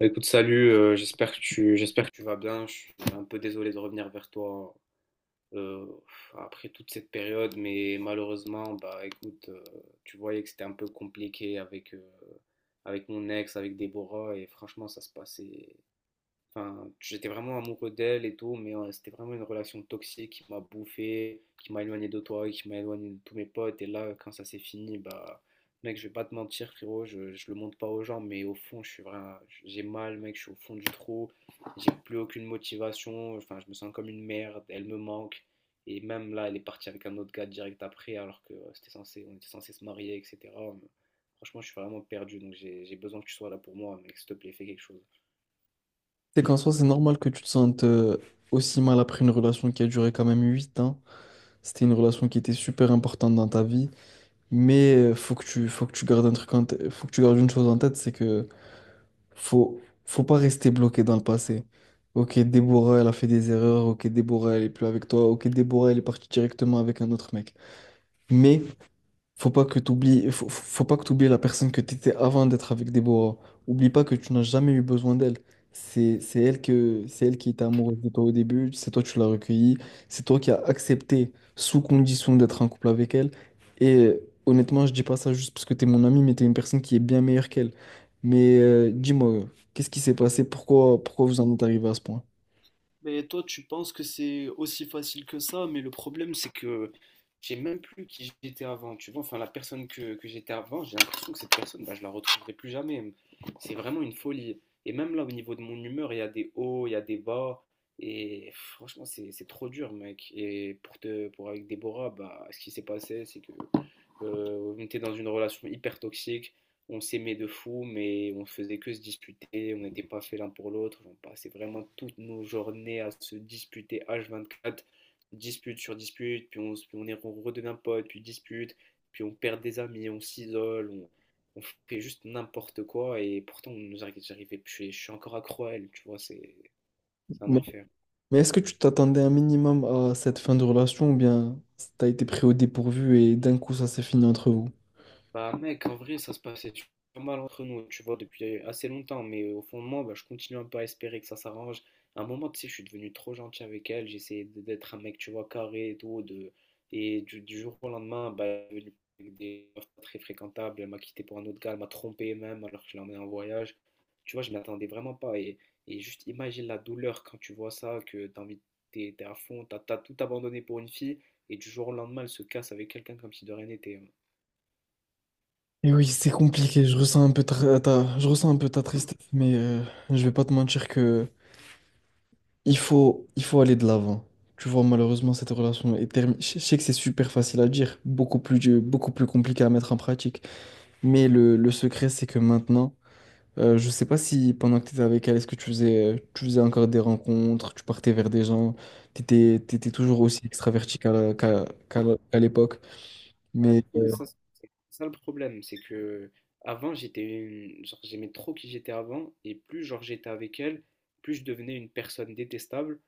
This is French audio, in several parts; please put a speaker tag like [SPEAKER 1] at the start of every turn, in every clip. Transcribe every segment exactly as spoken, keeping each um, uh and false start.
[SPEAKER 1] Bah, Écoute, salut, euh, j'espère que tu, j'espère que tu vas bien. Je suis un peu désolé de revenir vers toi euh, après toute cette période, mais malheureusement, bah écoute, euh, tu voyais que c'était un peu compliqué avec, euh, avec mon ex, avec Déborah, et franchement, ça se passait. Enfin, j'étais vraiment amoureux d'elle et tout, mais euh, c'était vraiment une relation toxique qui m'a bouffé, qui m'a éloigné de toi, qui m'a éloigné de tous mes potes. Et là, quand ça s'est fini, bah, mec, je vais pas te mentir, frérot, je, je le montre pas aux gens, mais au fond, je suis vraiment, j'ai mal, mec, je suis au fond du trou, j'ai plus aucune motivation, enfin, je me sens comme une merde, elle me manque. Et même là, elle est partie avec un autre gars direct après, alors que euh, c'était censé, on était censé se marier, et cetera. Franchement, je suis vraiment perdu, donc j'ai j'ai besoin que tu sois là pour moi, mec, s'il te plaît, fais quelque chose.
[SPEAKER 2] C'est qu'en soi, c'est normal que tu te sentes euh, aussi mal après une relation qui a duré quand même huit ans. C'était une relation qui était super importante dans ta vie. Mais euh, faut que tu, faut que tu gardes un truc en tête- faut que tu gardes une chose en tête, c'est que faut, faut pas rester bloqué dans le passé. Ok, Déborah, elle a fait des erreurs. Ok, Déborah, elle est plus avec toi. Ok, Déborah, elle est partie directement avec un autre mec. Mais faut pas que t'oublies, faut, faut pas que t'oublies la personne que t'étais avant d'être avec Déborah. Oublie pas que tu n'as jamais eu besoin d'elle. C'est, c'est elle que, c'est elle qui était amoureuse de toi au début. C'est toi qui l'as recueillie. C'est toi qui as accepté sous condition d'être en couple avec elle. Et euh, honnêtement, je dis pas ça juste parce que t'es mon ami, mais t'es une personne qui est bien meilleure qu'elle. Mais euh, dis-moi, qu'est-ce qui s'est passé? Pourquoi, pourquoi vous en êtes arrivé à ce point?
[SPEAKER 1] Mais toi, tu penses que c'est aussi facile que ça, mais le problème, c'est que je sais même plus qui j'étais avant, tu vois. Enfin, la personne que, que j'étais avant, j'ai l'impression que cette personne, bah, je la retrouverai plus jamais. C'est vraiment une folie. Et même là, au niveau de mon humeur, il y a des hauts, il y a des bas. Et pff, franchement, c'est c'est trop dur, mec. Et pour te, pour avec Déborah, bah, ce qui s'est passé, c'est que euh, on était dans une relation hyper toxique. On s'aimait de fou, mais on faisait que se disputer. On n'était pas fait l'un pour l'autre. On passait vraiment toutes nos journées à se disputer h vingt-quatre, dispute sur dispute, puis on, se, puis on, est, on redevient pote, puis dispute, puis on perd des amis, on s'isole, on, on fait juste n'importe quoi. Et pourtant, on nous arri- j'arrivais, je suis je suis encore accro à elle, tu vois, c'est c'est un enfer.
[SPEAKER 2] Mais est-ce que tu t'attendais un minimum à cette fin de relation ou bien t'as été pris au dépourvu et d'un coup ça s'est fini entre vous?
[SPEAKER 1] Bah mec, en vrai, ça se passait super mal entre nous, tu vois, depuis assez longtemps, mais euh, au fond de moi, bah, je continue un peu à espérer que ça s'arrange. À un moment, tu sais, je suis devenu trop gentil avec elle, j'essayais d- d'être un mec, tu vois, carré et tout, de... et du, du jour au lendemain, bah, elle est devenue avec des meufs pas très fréquentables, elle m'a quitté pour un autre gars, elle m'a trompé même, alors que je l'ai en voyage. Tu vois, je m'attendais vraiment pas, et, et juste imagine la douleur quand tu vois ça, que t'as envie, t'es, t'es à fond, t'as, t'as tout abandonné pour une fille, et du jour au lendemain, elle se casse avec quelqu'un comme si de rien n'était, hein.
[SPEAKER 2] Et oui, c'est compliqué, je ressens un peu ta, ta- je ressens un peu ta tristesse, mais euh, je vais pas te mentir que il faut, il faut aller de l'avant. Tu vois, malheureusement, cette relation est terminée. Je je sais que c'est super facile à dire, beaucoup plus, beaucoup plus compliqué à mettre en pratique. Mais le, le secret, c'est que maintenant, euh, je sais pas si pendant que tu étais avec elle, est-ce que tu faisais, euh, tu faisais encore des rencontres, tu partais vers des gens, tu étais toujours aussi extraverti qu'à la- qu'à, qu'à la- qu'à l'époque.
[SPEAKER 1] Ah,
[SPEAKER 2] Mais
[SPEAKER 1] tu sais, ça, c'est c'est ça le problème, c'est que avant j'étais une- genre j'aimais trop qui j'étais avant et plus genre j'étais avec elle, plus je devenais une personne détestable.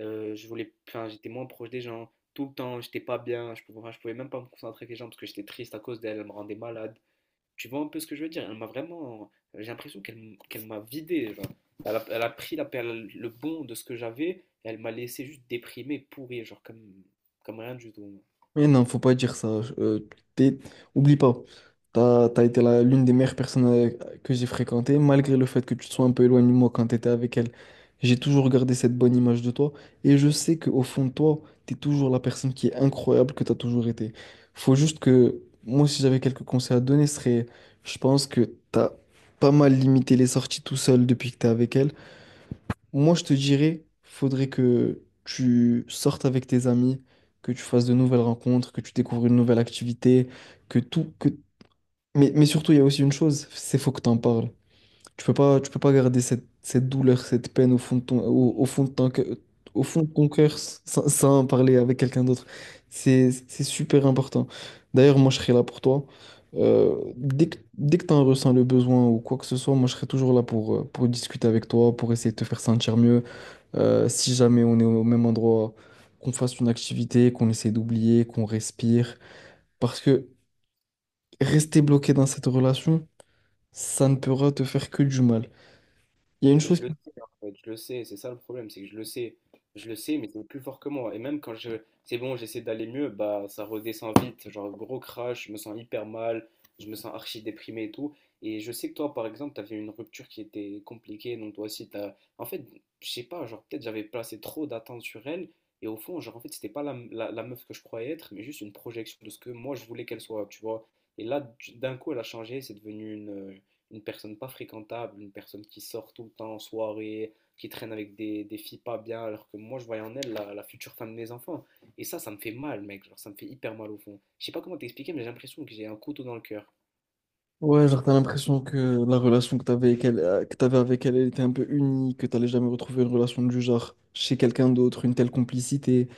[SPEAKER 1] Euh, je voulais, enfin j'étais moins proche des gens tout le temps, j'étais pas bien, je pouvais, enfin, je pouvais même pas me concentrer avec les gens parce que j'étais triste à cause d'elle, elle me rendait malade. Tu vois un peu ce que je veux dire? Elle m'a vraiment, j'ai l'impression qu'elle m- qu'elle m'a vidé, genre. Elle a, elle a pris la, perle- le bon de ce que j'avais, et elle m'a laissé juste déprimé, pourri, genre comme comme rien du tout.
[SPEAKER 2] Mais non, faut pas dire ça. Euh, t'es- Oublie pas, t'as, t'as été la- l'une des meilleures personnes euh, que j'ai fréquentées, malgré le fait que tu te sois un peu éloigné de moi quand t'étais avec elle. J'ai toujours gardé cette bonne image de toi, et je sais qu'au fond de toi, t'es toujours la personne qui est incroyable que t'as toujours été. Faut juste que, moi, si j'avais quelques conseils à te donner, ce serait, je pense que t'as pas mal limité les sorties tout seul depuis que t'es avec elle. Moi, je te dirais, faudrait que tu sortes avec tes amis, que tu fasses de nouvelles rencontres, que tu découvres une nouvelle activité, que tout, que... Mais, mais surtout, il y a aussi une chose, c'est faut que tu en parles. Tu peux pas, tu peux pas garder cette, cette douleur, cette peine au fond de ton, au, au fond de ton, cœur- au fond de ton cœur sans, sans en parler avec quelqu'un d'autre. C'est, c'est super important. D'ailleurs, moi, je serai là pour toi. Euh, dès que, dès que tu en ressens le besoin ou quoi que ce soit, moi, je serai toujours là pour, euh, pour discuter avec toi, pour essayer de te faire sentir mieux. Euh, si jamais on est au même endroit, qu'on fasse une activité, qu'on essaie d'oublier, qu'on respire. Parce que rester bloqué dans cette relation, ça ne pourra te faire que du mal. Il y a une
[SPEAKER 1] Mais
[SPEAKER 2] chose
[SPEAKER 1] je
[SPEAKER 2] qui...
[SPEAKER 1] le sais, en fait, je le sais, c'est ça le problème, c'est que je le sais, je le sais, mais c'est plus fort que moi. Et même quand je, c'est bon, j'essaie d'aller mieux, bah ça redescend vite, genre gros crash, je me sens hyper mal, je me sens archi déprimé et tout. Et je sais que toi, par exemple, t'avais une rupture qui était compliquée, donc toi aussi, t'as, en fait, je sais pas, genre peut-être j'avais placé trop d'attentes sur elle, et au fond, genre en fait, c'était pas la, la, la meuf que je croyais être, mais juste une projection de ce que moi je voulais qu'elle soit, tu vois. Et là, d- d'un coup, elle a changé, c'est devenu une une personne pas fréquentable, une personne qui sort tout le temps en soirée, qui traîne avec des, des filles pas bien, alors que moi je voyais en elle la, la future femme de mes enfants. Et ça, ça me fait mal, mec, genre ça me fait hyper mal au fond. Je sais pas comment t'expliquer, mais j'ai l'impression que j'ai un couteau dans le cœur.
[SPEAKER 2] Ouais, genre, t'as l'impression que la relation que t'avais avec elle, euh, que t'avais avec elle, elle était un peu unique, que t'allais jamais retrouver une relation du genre chez quelqu'un d'autre, une telle complicité,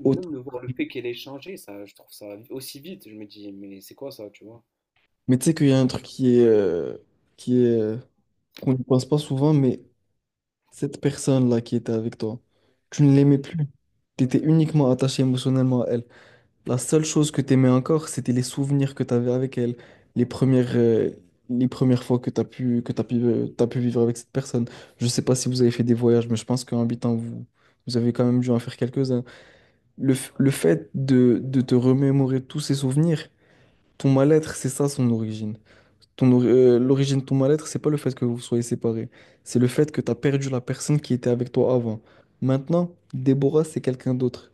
[SPEAKER 1] Mais
[SPEAKER 2] autre.
[SPEAKER 1] même de voir le fait qu'elle ait changé, ça, je trouve ça aussi vite, je me dis, mais c'est quoi ça, tu vois?
[SPEAKER 2] Mais tu sais qu'il y a un truc qui est... euh, qui est... euh, qu'on ne pense pas souvent, mais cette personne-là qui était avec toi, tu ne l'aimais plus. T'étais uniquement attaché émotionnellement à elle. La seule chose que t'aimais encore, c'était les souvenirs que t'avais avec elle, les premières, euh, les premières fois que t'as pu, que t'as pu, euh, t'as pu vivre avec cette personne. Je sais pas si vous avez fait des voyages, mais je pense qu'en habitant, vous, vous avez quand même dû en faire quelques-uns. Le, f- le fait de, de te remémorer tous ces souvenirs, ton mal-être, c'est ça son origine. Ton, ori- euh, l'origine de ton mal-être, c'est pas le fait que vous soyez séparés, c'est le fait que t'as perdu la personne qui était avec toi avant. Maintenant, Déborah, c'est quelqu'un d'autre.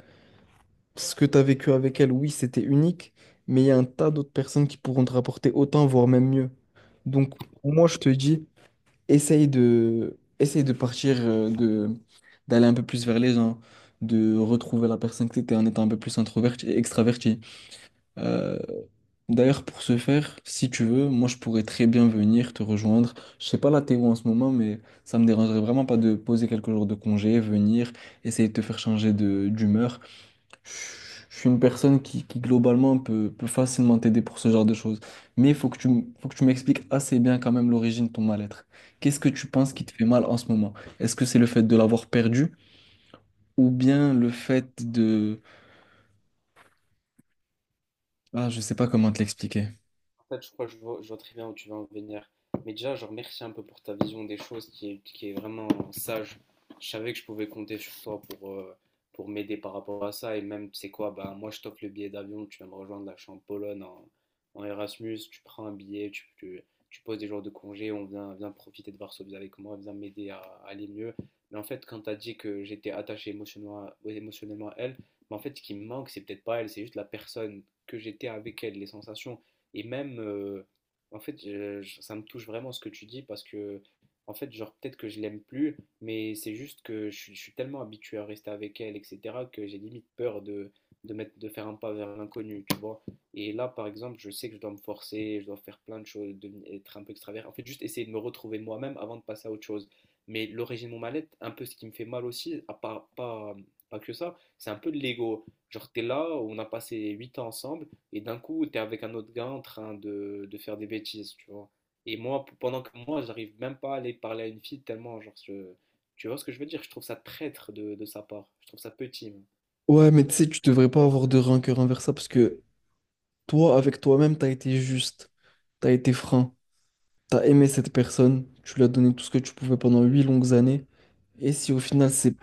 [SPEAKER 2] Ce que tu as vécu avec elle, oui, c'était unique, mais il y a un tas d'autres personnes qui pourront te rapporter autant, voire même mieux. Donc, moi, je te dis, essaye de, essaye de partir, euh, de, d'aller un peu plus vers les gens, de retrouver la personne que tu étais en étant un peu plus introverti et extraverti. Euh, d'ailleurs, pour ce faire, si tu veux, moi, je pourrais très bien venir te rejoindre. Je sais pas là, t'es où en ce moment, mais ça me dérangerait vraiment pas de poser quelques jours de congé, venir, essayer de te faire changer de, d'humeur. Je suis une personne qui, qui, globalement peut, peut facilement t'aider pour ce genre de choses. Mais il faut que tu, m- faut que tu m'expliques assez bien quand même l'origine de ton mal-être. Qu'est-ce que tu penses qui te fait mal en ce moment? Est-ce que c'est le fait de l'avoir perdu ou bien le fait de... Ah, je sais pas comment te l'expliquer.
[SPEAKER 1] En fait, je crois que je vois, je vois très bien où tu vas en venir. Mais déjà, genre, merci un peu pour ta vision des choses qui est, qui est vraiment sage. Je savais que je pouvais compter sur toi pour, euh, pour m'aider par rapport à ça. Et même, tu sais quoi, bah, moi, je t'offre le billet d'avion. Tu viens me rejoindre là, je suis en Pologne, en, en Erasmus. Tu prends un billet, tu, tu, tu poses des jours de congé. On vient, vient profiter de Varsovie avec moi, viens m'aider à, à aller mieux. Mais en fait, quand tu as dit que j'étais attaché émotionnellement à, ouais, émotionnellement à elle, mais en fait, ce qui me manque, c'est peut-être pas elle, c'est juste la personne que j'étais avec elle, les sensations et même, euh, en fait, je- je- ça me touche vraiment ce que tu dis parce que, en fait, genre, peut-être que je l'aime plus, mais c'est juste que je, suis je suis tellement habitué à rester avec elle, et cetera, que j'ai limite peur de, de, mettre, de faire un pas vers l'inconnu, tu vois. Et là, par exemple, je sais que je dois me forcer, je dois faire plein de choses, devenir- être un peu extravert. En fait, juste essayer de me retrouver moi-même avant de passer à autre chose. Mais l'origine de mon mal-être, un peu ce qui me fait mal aussi, à part, pas, pas que ça, c'est un peu de l'ego. Genre, t'es là, on a passé huit ans ensemble. Et d'un coup, tu es avec un autre gars en train de, de faire des bêtises, tu vois. Et moi, p- pendant que moi, j'arrive même pas à aller parler à une fille tellement, genre, je- tu vois ce que je veux dire? Je trouve ça traître de, de sa part. Je trouve ça petit, même.
[SPEAKER 2] Ouais, mais tu sais, tu devrais pas avoir de rancœur envers ça parce que toi, avec toi-même, t'as été juste, t'as été franc. T'as aimé cette personne, tu lui as donné tout ce que tu pouvais pendant huit longues années, et si au final c'est,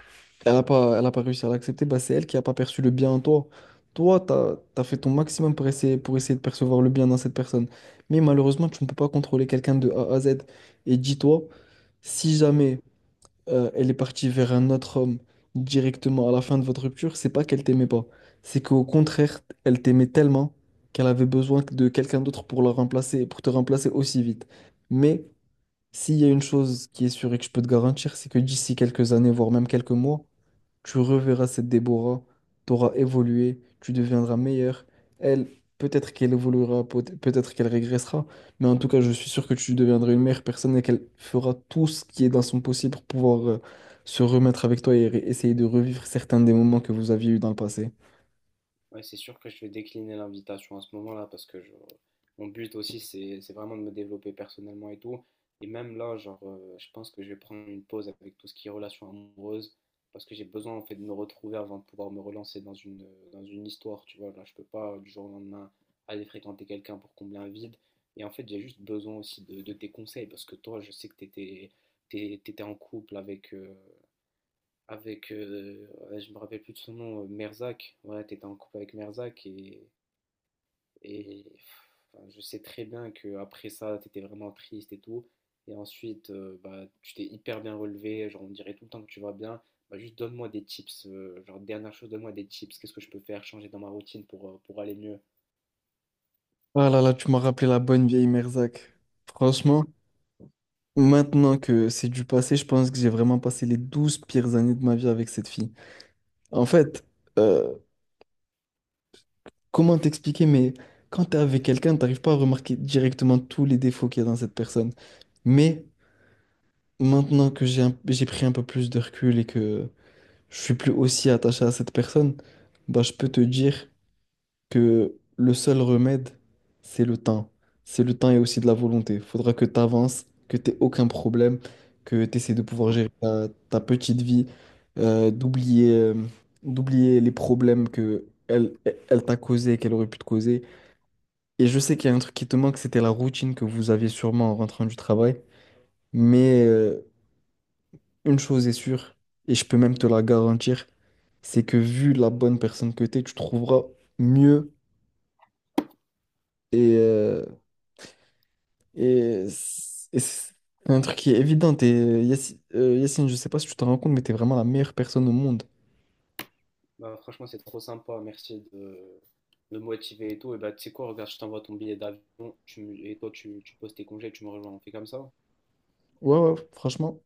[SPEAKER 2] elle a pas, elle a pas réussi à l'accepter, bah c'est elle qui a pas perçu le bien en toi. Toi, t'as, t'as fait ton maximum pour essayer, pour essayer de percevoir le bien dans cette personne, mais malheureusement tu ne peux pas contrôler quelqu'un de A à Z. Et dis-toi, si jamais euh, elle est partie vers un autre homme directement à la fin de votre rupture, c'est pas qu'elle t'aimait pas, c'est qu'au contraire elle t'aimait tellement qu'elle avait besoin de quelqu'un d'autre pour la remplacer, pour te remplacer aussi vite. Mais s'il y a une chose qui est sûre et que je peux te garantir, c'est que d'ici quelques années, voire même quelques mois, tu reverras cette Déborah, t'auras évolué, tu deviendras meilleur. Elle, peut-être qu'elle évoluera, peut- peut-être qu'elle régressera, mais en tout cas, je suis sûr que tu deviendras une meilleure personne et qu'elle fera tout ce qui est dans son possible pour pouvoir euh, se remettre avec toi et ré- essayer de revivre certains des moments que vous aviez eus dans le passé.
[SPEAKER 1] Ouais, c'est sûr que je vais décliner l'invitation à ce moment-là parce que je- mon but aussi, c'est c'est vraiment de me développer personnellement et tout. Et même là, genre, euh, je pense que je vais prendre une pause avec tout ce qui est relations amoureuses parce que j'ai besoin en fait de me retrouver avant de pouvoir me relancer dans une, dans une histoire, tu vois. Là, je peux pas euh, du jour au lendemain aller fréquenter quelqu'un pour combler un vide. Et en fait, j'ai juste besoin aussi de, de tes conseils parce que toi, je sais que t'étais, t'es- t'étais en couple avec, euh, avec, euh, ouais, je me rappelle plus de son nom, euh, Merzak. Ouais, t'étais en couple avec Merzak et, et pff, enfin, je sais très bien que après ça, t'étais vraiment triste et tout. Et ensuite, euh, bah, tu t'es hyper bien relevé, genre on dirait tout le temps que tu vas bien. Bah, juste donne-moi des tips, euh, genre dernière chose, donne-moi des tips, qu'est-ce que je peux faire, changer dans ma routine pour, euh, pour aller mieux.
[SPEAKER 2] Ah là là, tu m'as rappelé la bonne vieille Merzak. Franchement. Maintenant que c'est du passé, je pense que j'ai vraiment passé les douze pires années de ma vie avec cette fille. En fait, euh, comment t'expliquer, mais quand t'es avec quelqu'un, t'arrives pas à remarquer directement tous les défauts qu'il y a dans cette personne. Mais maintenant que j'ai un- j'ai pris un peu plus de recul et que je suis plus aussi attaché à cette personne, bah, je peux te dire que le seul remède, c'est le temps. C'est le temps et aussi de la volonté. Faudra que tu avances, que tu aucun problème, que tu essaies de pouvoir gérer ta, ta petite vie, euh, d'oublier euh, d'oublier les problèmes que elle, elle elle t'a causé, qu'elle aurait pu te causer. Et je sais qu'il y a un truc qui te manque, c'était la routine que vous aviez sûrement en rentrant du travail. Mais euh, une chose est sûre, et je peux même te la garantir, c'est que vu la bonne personne que tu es, tu trouveras mieux. Et, euh, Et c'est et c'est un truc qui est évident. Et Yacine, euh, Yacine, je sais pas si tu te rends compte, mais t'es vraiment la meilleure personne au monde.
[SPEAKER 1] Bah, franchement, c'est trop sympa, merci de, de me motiver et tout. Et bah, tu sais quoi, regarde, je t'envoie ton billet d'avion, tu me- et toi, tu, tu poses tes congés, tu me rejoins, on fait comme ça?
[SPEAKER 2] Ouais, ouais, franchement.